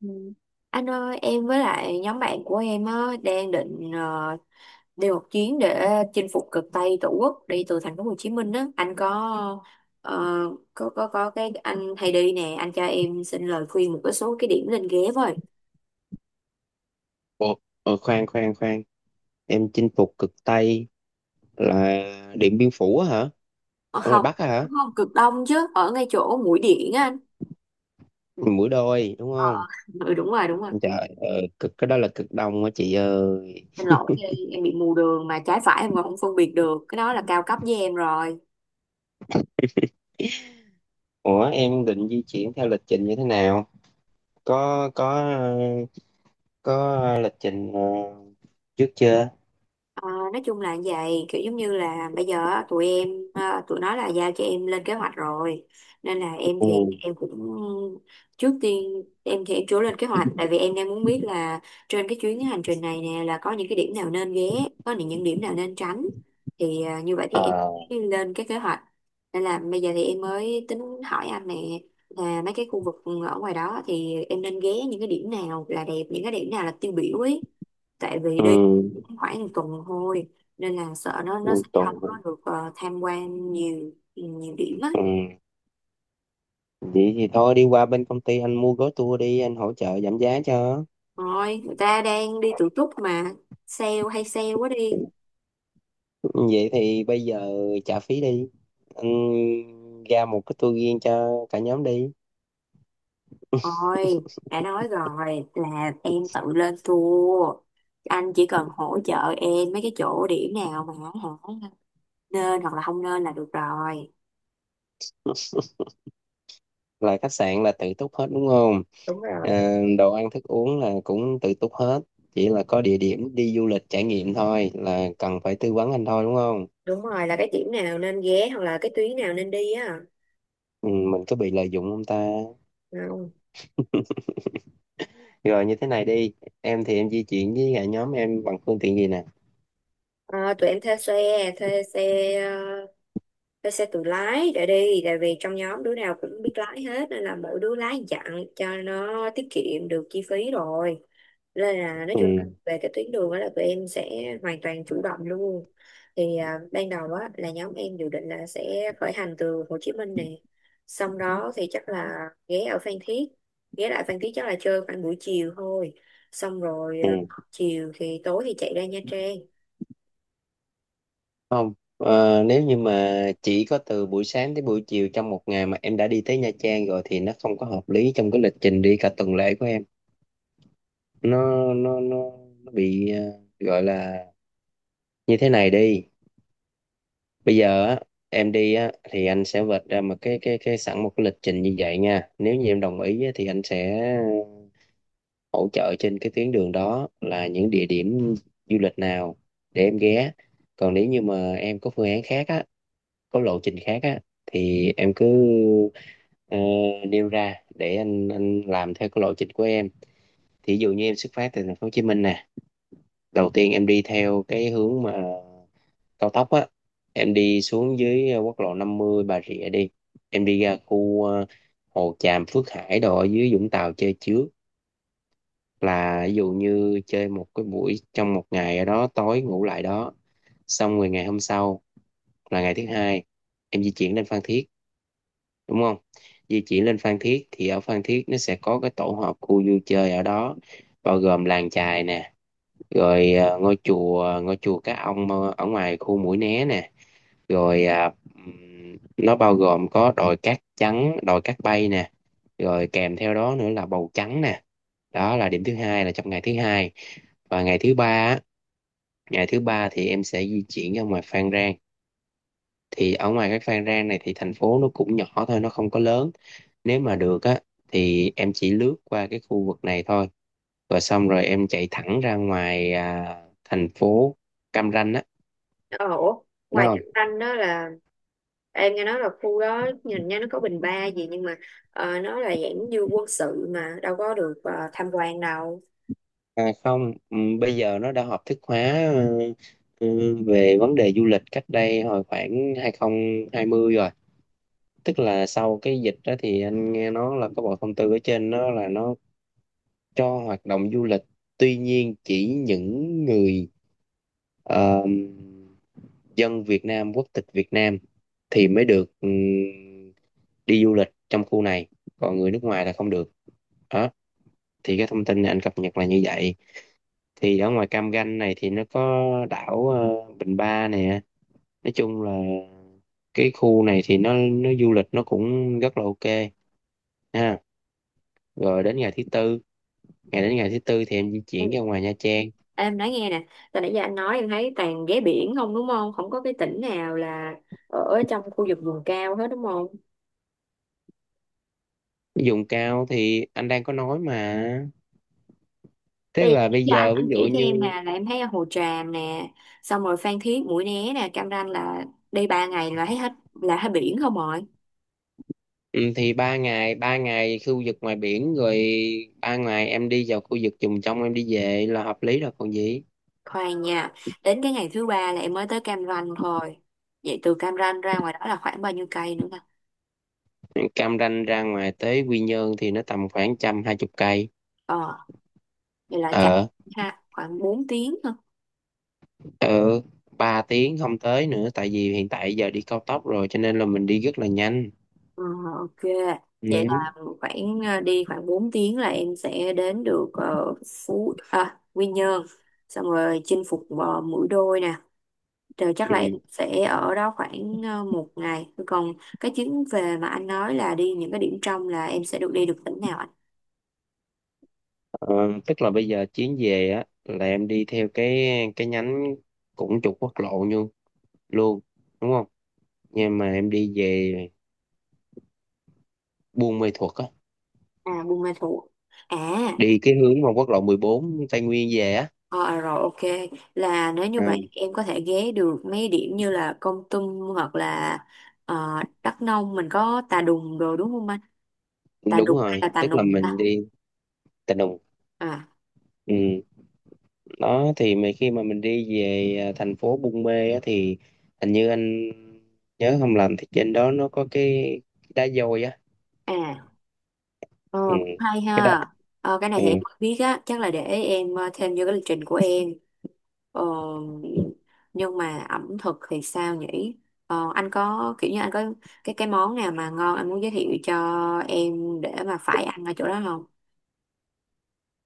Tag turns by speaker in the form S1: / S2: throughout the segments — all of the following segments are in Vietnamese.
S1: Ừ. Anh ơi, em với lại nhóm bạn của em á, đang định đi một chuyến để chinh phục cực Tây Tổ quốc đi từ thành phố Hồ Chí Minh á. Anh có ờ, có cái anh hay đi nè, anh cho em xin lời khuyên một cái số cái điểm nên ghé với.
S2: Ồ, khoan khoan khoan em chinh phục cực Tây là Điện Biên Phủ á hả,
S1: Ờ,
S2: ở ngoài
S1: không,
S2: Bắc á hả?
S1: đúng không cực Đông chứ, ở ngay chỗ Mũi Điện á anh.
S2: Mũi Đôi đúng
S1: Ờ,
S2: không?
S1: ờ. Ừ, đúng rồi, đúng rồi.
S2: Trời, cực cái đó là cực Đông á chị ơi.
S1: Xin lỗi, em bị mù đường mà trái phải em còn không phân biệt được. Cái đó là cao cấp với em rồi.
S2: Ủa em định di chuyển theo lịch trình như thế nào, có ờ, có lịch trình trước chưa?
S1: Ờ, nói chung là vậy, kiểu giống như là bây giờ á, tụi nó là giao cho em lên kế hoạch rồi, nên là em thì
S2: Ừ.
S1: em cũng trước tiên em thì em chưa lên kế hoạch tại vì em đang muốn biết là trên cái chuyến hành trình này nè là có những cái điểm nào nên ghé, có những điểm nào nên tránh thì như vậy thì em
S2: À.
S1: mới lên cái kế hoạch, nên là bây giờ thì em mới tính hỏi anh nè, là mấy cái khu vực ở ngoài đó thì em nên ghé những cái điểm nào là đẹp, những cái điểm nào là tiêu biểu ấy, tại vì
S2: Ừ.
S1: đi khoảng một tuần thôi nên là sợ nó sẽ
S2: Một tuần.
S1: không có được tham quan nhiều nhiều điểm á.
S2: Ừ, vậy thì thôi đi qua bên công ty anh mua gói tour đi, anh hỗ trợ giảm giá cho.
S1: Rồi người ta đang đi tự túc mà, sale hay sale quá đi.
S2: Ừ. Vậy thì bây giờ trả phí đi. Anh ra một cái tour riêng cho cả nhóm đi.
S1: Rồi đã nói rồi là em tự lên tour, anh chỉ cần hỗ trợ em mấy cái chỗ điểm nào mà hả nên hoặc là không nên là được rồi.
S2: Là khách sạn là tự túc hết đúng không?
S1: Đúng rồi.
S2: À, đồ ăn thức uống là cũng tự túc hết. Chỉ
S1: Ừ,
S2: là có địa điểm đi du lịch trải nghiệm thôi là cần phải tư vấn anh thôi đúng không?
S1: đúng rồi, là cái điểm nào nên ghé hoặc là cái tuyến nào nên đi á.
S2: Ừ, mình có bị lợi dụng không ta?
S1: Không.
S2: Rồi như thế này đi. Em thì em di chuyển với cả nhóm em bằng phương tiện gì nè?
S1: Ờ, tụi em thuê xe thuê xe, tôi sẽ tự lái để đi tại vì trong nhóm đứa nào cũng biết lái hết, nên là mỗi đứa lái dặn cho nó tiết kiệm được chi phí rồi, nên là nói chung
S2: Ừ,
S1: về cái tuyến đường đó là tụi em sẽ hoàn toàn chủ động luôn. Thì ban đầu á là nhóm em dự định là sẽ khởi hành từ Hồ Chí Minh nè, xong đó thì chắc là ghé ở Phan Thiết, ghé lại Phan Thiết chắc là chơi khoảng buổi chiều thôi, xong rồi
S2: ừ.
S1: chiều thì tối thì chạy ra Nha Trang.
S2: Không, nếu như mà chỉ có từ buổi sáng tới buổi chiều trong một ngày mà em đã đi tới Nha Trang rồi thì nó không có hợp lý trong cái lịch trình đi cả tuần lễ của em. nó nó nó, nó bị gọi là, như thế này đi, bây giờ á em đi á thì anh sẽ vạch ra một cái sẵn một cái lịch trình như vậy nha, nếu như em đồng ý á, thì anh sẽ hỗ trợ trên cái tuyến đường đó là những địa điểm du lịch nào để em ghé. Còn nếu như mà em có phương án khác á, có lộ trình khác á, thì em cứ ờ, nêu ra để anh làm theo cái lộ trình của em. Thì ví dụ như em xuất phát từ thành phố Hồ Chí Minh nè, đầu tiên em đi theo cái hướng mà cao tốc á, em đi xuống dưới quốc lộ 50 Bà Rịa đi, em đi ra khu Hồ Tràm, Phước Hải đồ ở dưới Vũng Tàu chơi trước, là ví dụ như chơi một cái buổi trong một ngày ở đó, tối ngủ lại đó. Xong rồi ngày hôm sau là ngày thứ hai, em di chuyển lên Phan Thiết đúng không? Di chuyển lên Phan Thiết thì ở Phan Thiết nó sẽ có cái tổ hợp khu vui chơi ở đó, bao gồm làng chài nè, rồi ngôi chùa Cá Ông ở ngoài khu Mũi Né nè, rồi nó bao gồm có đồi cát trắng, đồi cát bay nè, rồi kèm theo đó nữa là bầu trắng nè. Đó là điểm thứ hai, là trong ngày thứ hai. Và ngày thứ ba á, ngày thứ ba thì em sẽ di chuyển ra ngoài Phan Rang. Thì ở ngoài cái Phan Rang này thì thành phố nó cũng nhỏ thôi, nó không có lớn, nếu mà được á thì em chỉ lướt qua cái khu vực này thôi, rồi xong rồi em chạy thẳng ra ngoài thành phố Cam Ranh á,
S1: Ờ ủa,
S2: đúng
S1: ngoài
S2: không?
S1: Cam Ranh đó là em nghe nói là khu đó nhìn nha nó có bình ba gì nhưng mà nó là dạng như quân sự mà đâu có được tham quan đâu.
S2: À, không, bây giờ nó đã hợp thức hóa ờ, ừ, về vấn đề du lịch cách đây hồi khoảng 2020 rồi, tức là sau cái dịch đó thì anh nghe nói là có bộ thông tư ở trên đó là nó cho hoạt động du lịch. Tuy nhiên chỉ những người ờ, dân Việt Nam, quốc tịch Việt Nam thì mới được đi du lịch trong khu này, còn người nước ngoài là không được. Đó thì cái thông tin này anh cập nhật là như vậy. Thì ở ngoài Cam Ranh này thì nó có đảo Bình Ba nè. Nói chung là cái khu này thì nó du lịch nó cũng rất là ok ha. Rồi đến ngày thứ tư,
S1: Ừ.
S2: đến ngày thứ tư thì em di
S1: Ừ.
S2: chuyển ra ngoài Nha Trang.
S1: Em nói nghe nè, từ nãy giờ anh nói em thấy toàn ghé biển không đúng không? Không có cái tỉnh nào là ở trong khu vực vùng cao hết đúng không?
S2: Dùng cao thì anh đang có nói mà,
S1: Thì
S2: tức là bây
S1: do anh
S2: giờ ví
S1: anh
S2: dụ
S1: chỉ cho em
S2: như,
S1: nè là em thấy ở Hồ Tràm nè, xong rồi Phan Thiết, Mũi Né nè, Cam Ranh là đi 3 ngày là thấy hết, là hết biển không rồi.
S2: ừ, thì ba ngày, ba ngày khu vực ngoài biển rồi, ba ngày em đi vào khu vực vùng trong em đi về là hợp lý rồi còn gì.
S1: Khoan nha, đến cái ngày thứ ba là em mới tới Cam Ranh thôi. Vậy từ Cam Ranh ra ngoài đó là khoảng bao nhiêu cây nữa nè?
S2: Cam Ranh ra ngoài tới Quy Nhơn thì nó tầm khoảng trăm hai chục cây.
S1: Ờ, vậy là chắc
S2: Ờ.
S1: ha, khoảng bốn tiếng thôi.
S2: Ờ, ba tiếng không tới nữa, tại vì hiện tại giờ đi cao tốc rồi cho nên là mình đi rất là nhanh.
S1: Ờ, ok, vậy
S2: Ừ.
S1: là khoảng đi khoảng 4 tiếng là em sẽ đến được Quy Nhơn. Xong rồi chinh phục Mũi Đôi nè. Rồi chắc là em
S2: Ừ.
S1: sẽ ở đó khoảng một ngày. Còn cái chuyến về mà anh nói là đi những cái điểm trong, là em sẽ được đi được tỉnh nào anh?
S2: Ờ, tức là bây giờ chuyến về á là em đi theo cái nhánh cũng trục quốc lộ như luôn, đúng không, nhưng mà em đi về Buôn Mê Thuột á,
S1: À, Buôn Ma Thuột. À.
S2: đi cái hướng mà quốc lộ 14 Tây Nguyên về á.
S1: Ờ, à, rồi ok, là nếu như
S2: Ờ,
S1: vậy em có thể ghé được mấy điểm như là Kon Tum hoặc là ờ, Đắk Nông, mình có Tà Đùng rồi đúng không anh? Tà
S2: đúng
S1: Đùng hay
S2: rồi,
S1: là Tà
S2: tức là
S1: Nùng
S2: mình
S1: ta?
S2: đi Tà Nùng.
S1: À
S2: Ừ. Đó thì mà khi mà mình đi về thành phố Buôn Mê á thì hình như anh nhớ không lầm thì trên đó nó có cái đá dôi á.
S1: à ờ,
S2: Ừ.
S1: cũng hay
S2: Cái đó.
S1: ha. Ờ, cái này
S2: Ừ.
S1: thì em không biết á, chắc là để em thêm vô cái lịch trình của em. Ờ, nhưng mà ẩm thực thì sao nhỉ? Ờ, anh có kiểu như anh có cái món nào mà ngon anh muốn giới thiệu cho em để mà phải ăn ở chỗ đó không?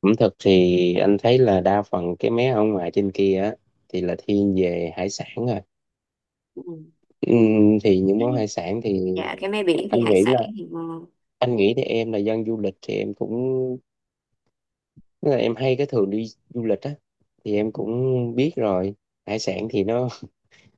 S2: Ẩm thực thì anh thấy là đa phần cái mé ở ngoài trên kia á thì là thiên về hải sản rồi. Ừ. Thì những
S1: Ừ.
S2: món hải sản thì
S1: Dạ cái mé biển thì
S2: anh
S1: hải
S2: nghĩ
S1: sản
S2: là
S1: thì ngon.
S2: anh nghĩ thì em là dân du lịch thì em cũng, tức là em hay cái thường đi du lịch á thì em cũng biết rồi, hải sản thì nó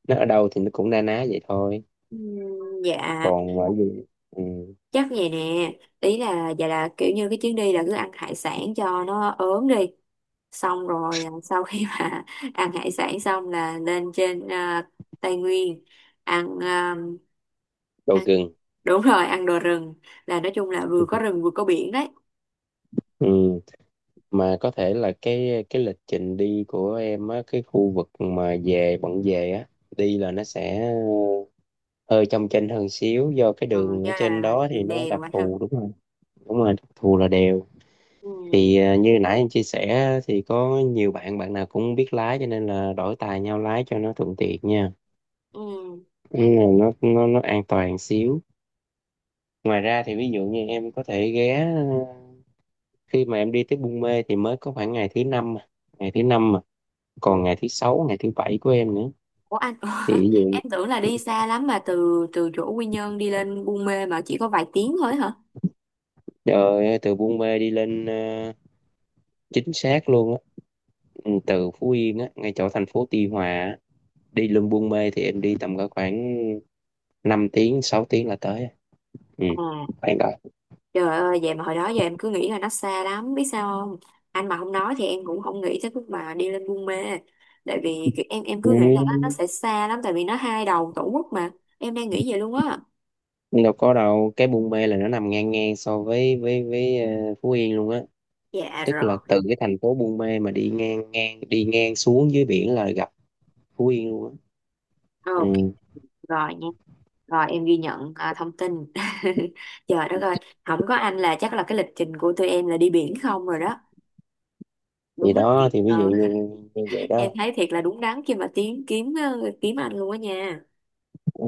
S2: nó ở đâu thì nó cũng na ná vậy thôi.
S1: Dạ,
S2: Còn ở gì, ừ,
S1: chắc vậy nè, ý là dạ là kiểu như cái chuyến đi là cứ ăn hải sản cho nó ốm đi, xong rồi sau khi mà ăn hải sản xong là lên trên Tây Nguyên ăn à,
S2: đồ
S1: ăn
S2: gừng.
S1: đúng rồi ăn đồ rừng, là nói chung là vừa có rừng vừa có biển đấy.
S2: Ừ. Mà có thể là cái lịch trình đi của em á, cái khu vực mà về, bận về á, đi là nó sẽ ờ, hơi trong chênh hơn xíu, do cái
S1: Ờ,
S2: đường
S1: do
S2: ở trên
S1: là
S2: đó thì nó
S1: đèo
S2: đặc
S1: anh ha.
S2: thù. Đúng rồi. Đúng rồi, đặc thù là đèo.
S1: Ừ,
S2: Thì như nãy em chia sẻ thì có nhiều bạn, bạn nào cũng biết lái cho nên là đổi tài nhau lái cho nó thuận tiện nha. Ừ, nó an toàn xíu. Ngoài ra thì ví dụ như em có thể ghé khi mà em đi tới Buôn Mê thì mới có khoảng ngày thứ năm mà. Ngày thứ năm mà, còn
S1: ừ.
S2: ngày thứ sáu, ngày thứ bảy của em nữa.
S1: Ủa anh
S2: Thì ví dụ,
S1: em tưởng là đi xa lắm mà từ từ chỗ Quy Nhơn đi lên Buôn Mê mà chỉ có vài tiếng thôi hả?
S2: trời ơi, từ Buôn Mê đi lên, chính xác luôn á, ừ, từ Phú Yên á ngay chỗ thành phố Tuy Hòa á, đi lên Buôn Mê thì em đi tầm có khoảng 5 tiếng, 6 tiếng là tới ừ
S1: À,
S2: bạn rồi.
S1: trời ơi vậy mà hồi đó giờ em cứ nghĩ là nó xa lắm biết sao không? Anh mà không nói thì em cũng không nghĩ tới lúc mà đi lên Buôn Mê. Tại vì kiểu em cứ nghĩ là nó
S2: Ừ.
S1: sẽ xa lắm tại vì nó hai đầu tổ quốc mà. Em đang nghĩ vậy luôn á.
S2: Đâu có đâu, cái Buôn Mê là nó nằm ngang ngang so với Phú Yên luôn á,
S1: Dạ
S2: tức
S1: rồi.
S2: là từ cái thành phố Buôn Mê mà đi ngang ngang, đi ngang xuống dưới biển là gặp Phú Yên luôn á.
S1: Ok
S2: Ừ.
S1: rồi nha. Rồi em ghi nhận thông tin. Trời đất ơi, không có anh là chắc là cái lịch trình của tụi em là đi biển không rồi đó.
S2: Thì
S1: Đúng là
S2: đó
S1: thiệt.
S2: thì ví dụ
S1: Ờ,
S2: như, như vậy
S1: em
S2: đó.
S1: thấy thiệt là đúng đắn khi mà kiếm anh luôn á nha.
S2: Ừ.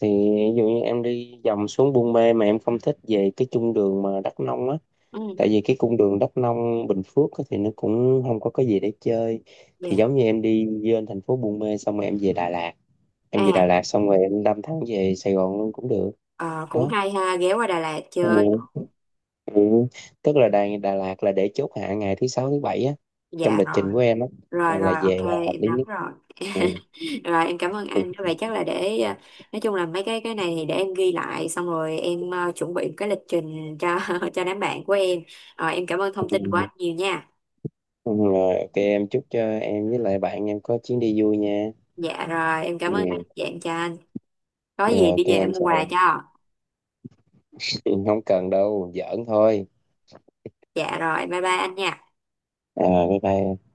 S2: Thì ví dụ như em đi vòng xuống Buôn Mê mà em không thích về cái cung đường mà Đắk Nông á,
S1: Ừ.
S2: tại vì cái cung đường Đắk Nông, Bình Phước á thì nó cũng không có cái gì để chơi,
S1: Dạ.
S2: thì giống như em đi lên thành phố Buôn Mê xong rồi em về Đà Lạt, em về Đà
S1: à
S2: Lạt xong rồi em đâm thẳng về Sài Gòn luôn cũng được.
S1: ờ, Cũng
S2: Đó.
S1: hay ha, ghé qua Đà Lạt chơi.
S2: Ừ. Ừ. Tức là Đà Lạt là để chốt hạ ngày thứ sáu, thứ bảy á, trong
S1: Dạ
S2: lịch
S1: rồi.
S2: trình của em á,
S1: Rồi
S2: là
S1: rồi,
S2: về là
S1: ok,
S2: hợp
S1: em
S2: lý
S1: nắm
S2: nhất.
S1: rồi.
S2: Ừ.
S1: Rồi em cảm ơn
S2: Ừ.
S1: anh, vậy chắc là để nói chung là mấy cái này thì để em ghi lại xong rồi em chuẩn bị một cái lịch trình cho cho đám bạn của em. Ờ, em cảm ơn thông
S2: Ừ.
S1: tin của anh nhiều nha.
S2: Rồi, ok, em chúc cho em với lại bạn em có chuyến đi vui nha.
S1: Dạ rồi em cảm
S2: Ừ.
S1: ơn anh, dạ em chào anh, có
S2: Rồi,
S1: gì đi
S2: ok
S1: về em
S2: anh
S1: mua
S2: chào
S1: quà cho.
S2: em, không cần đâu, giỡn thôi.
S1: Dạ rồi, bye bye anh nha.
S2: À, bye bye.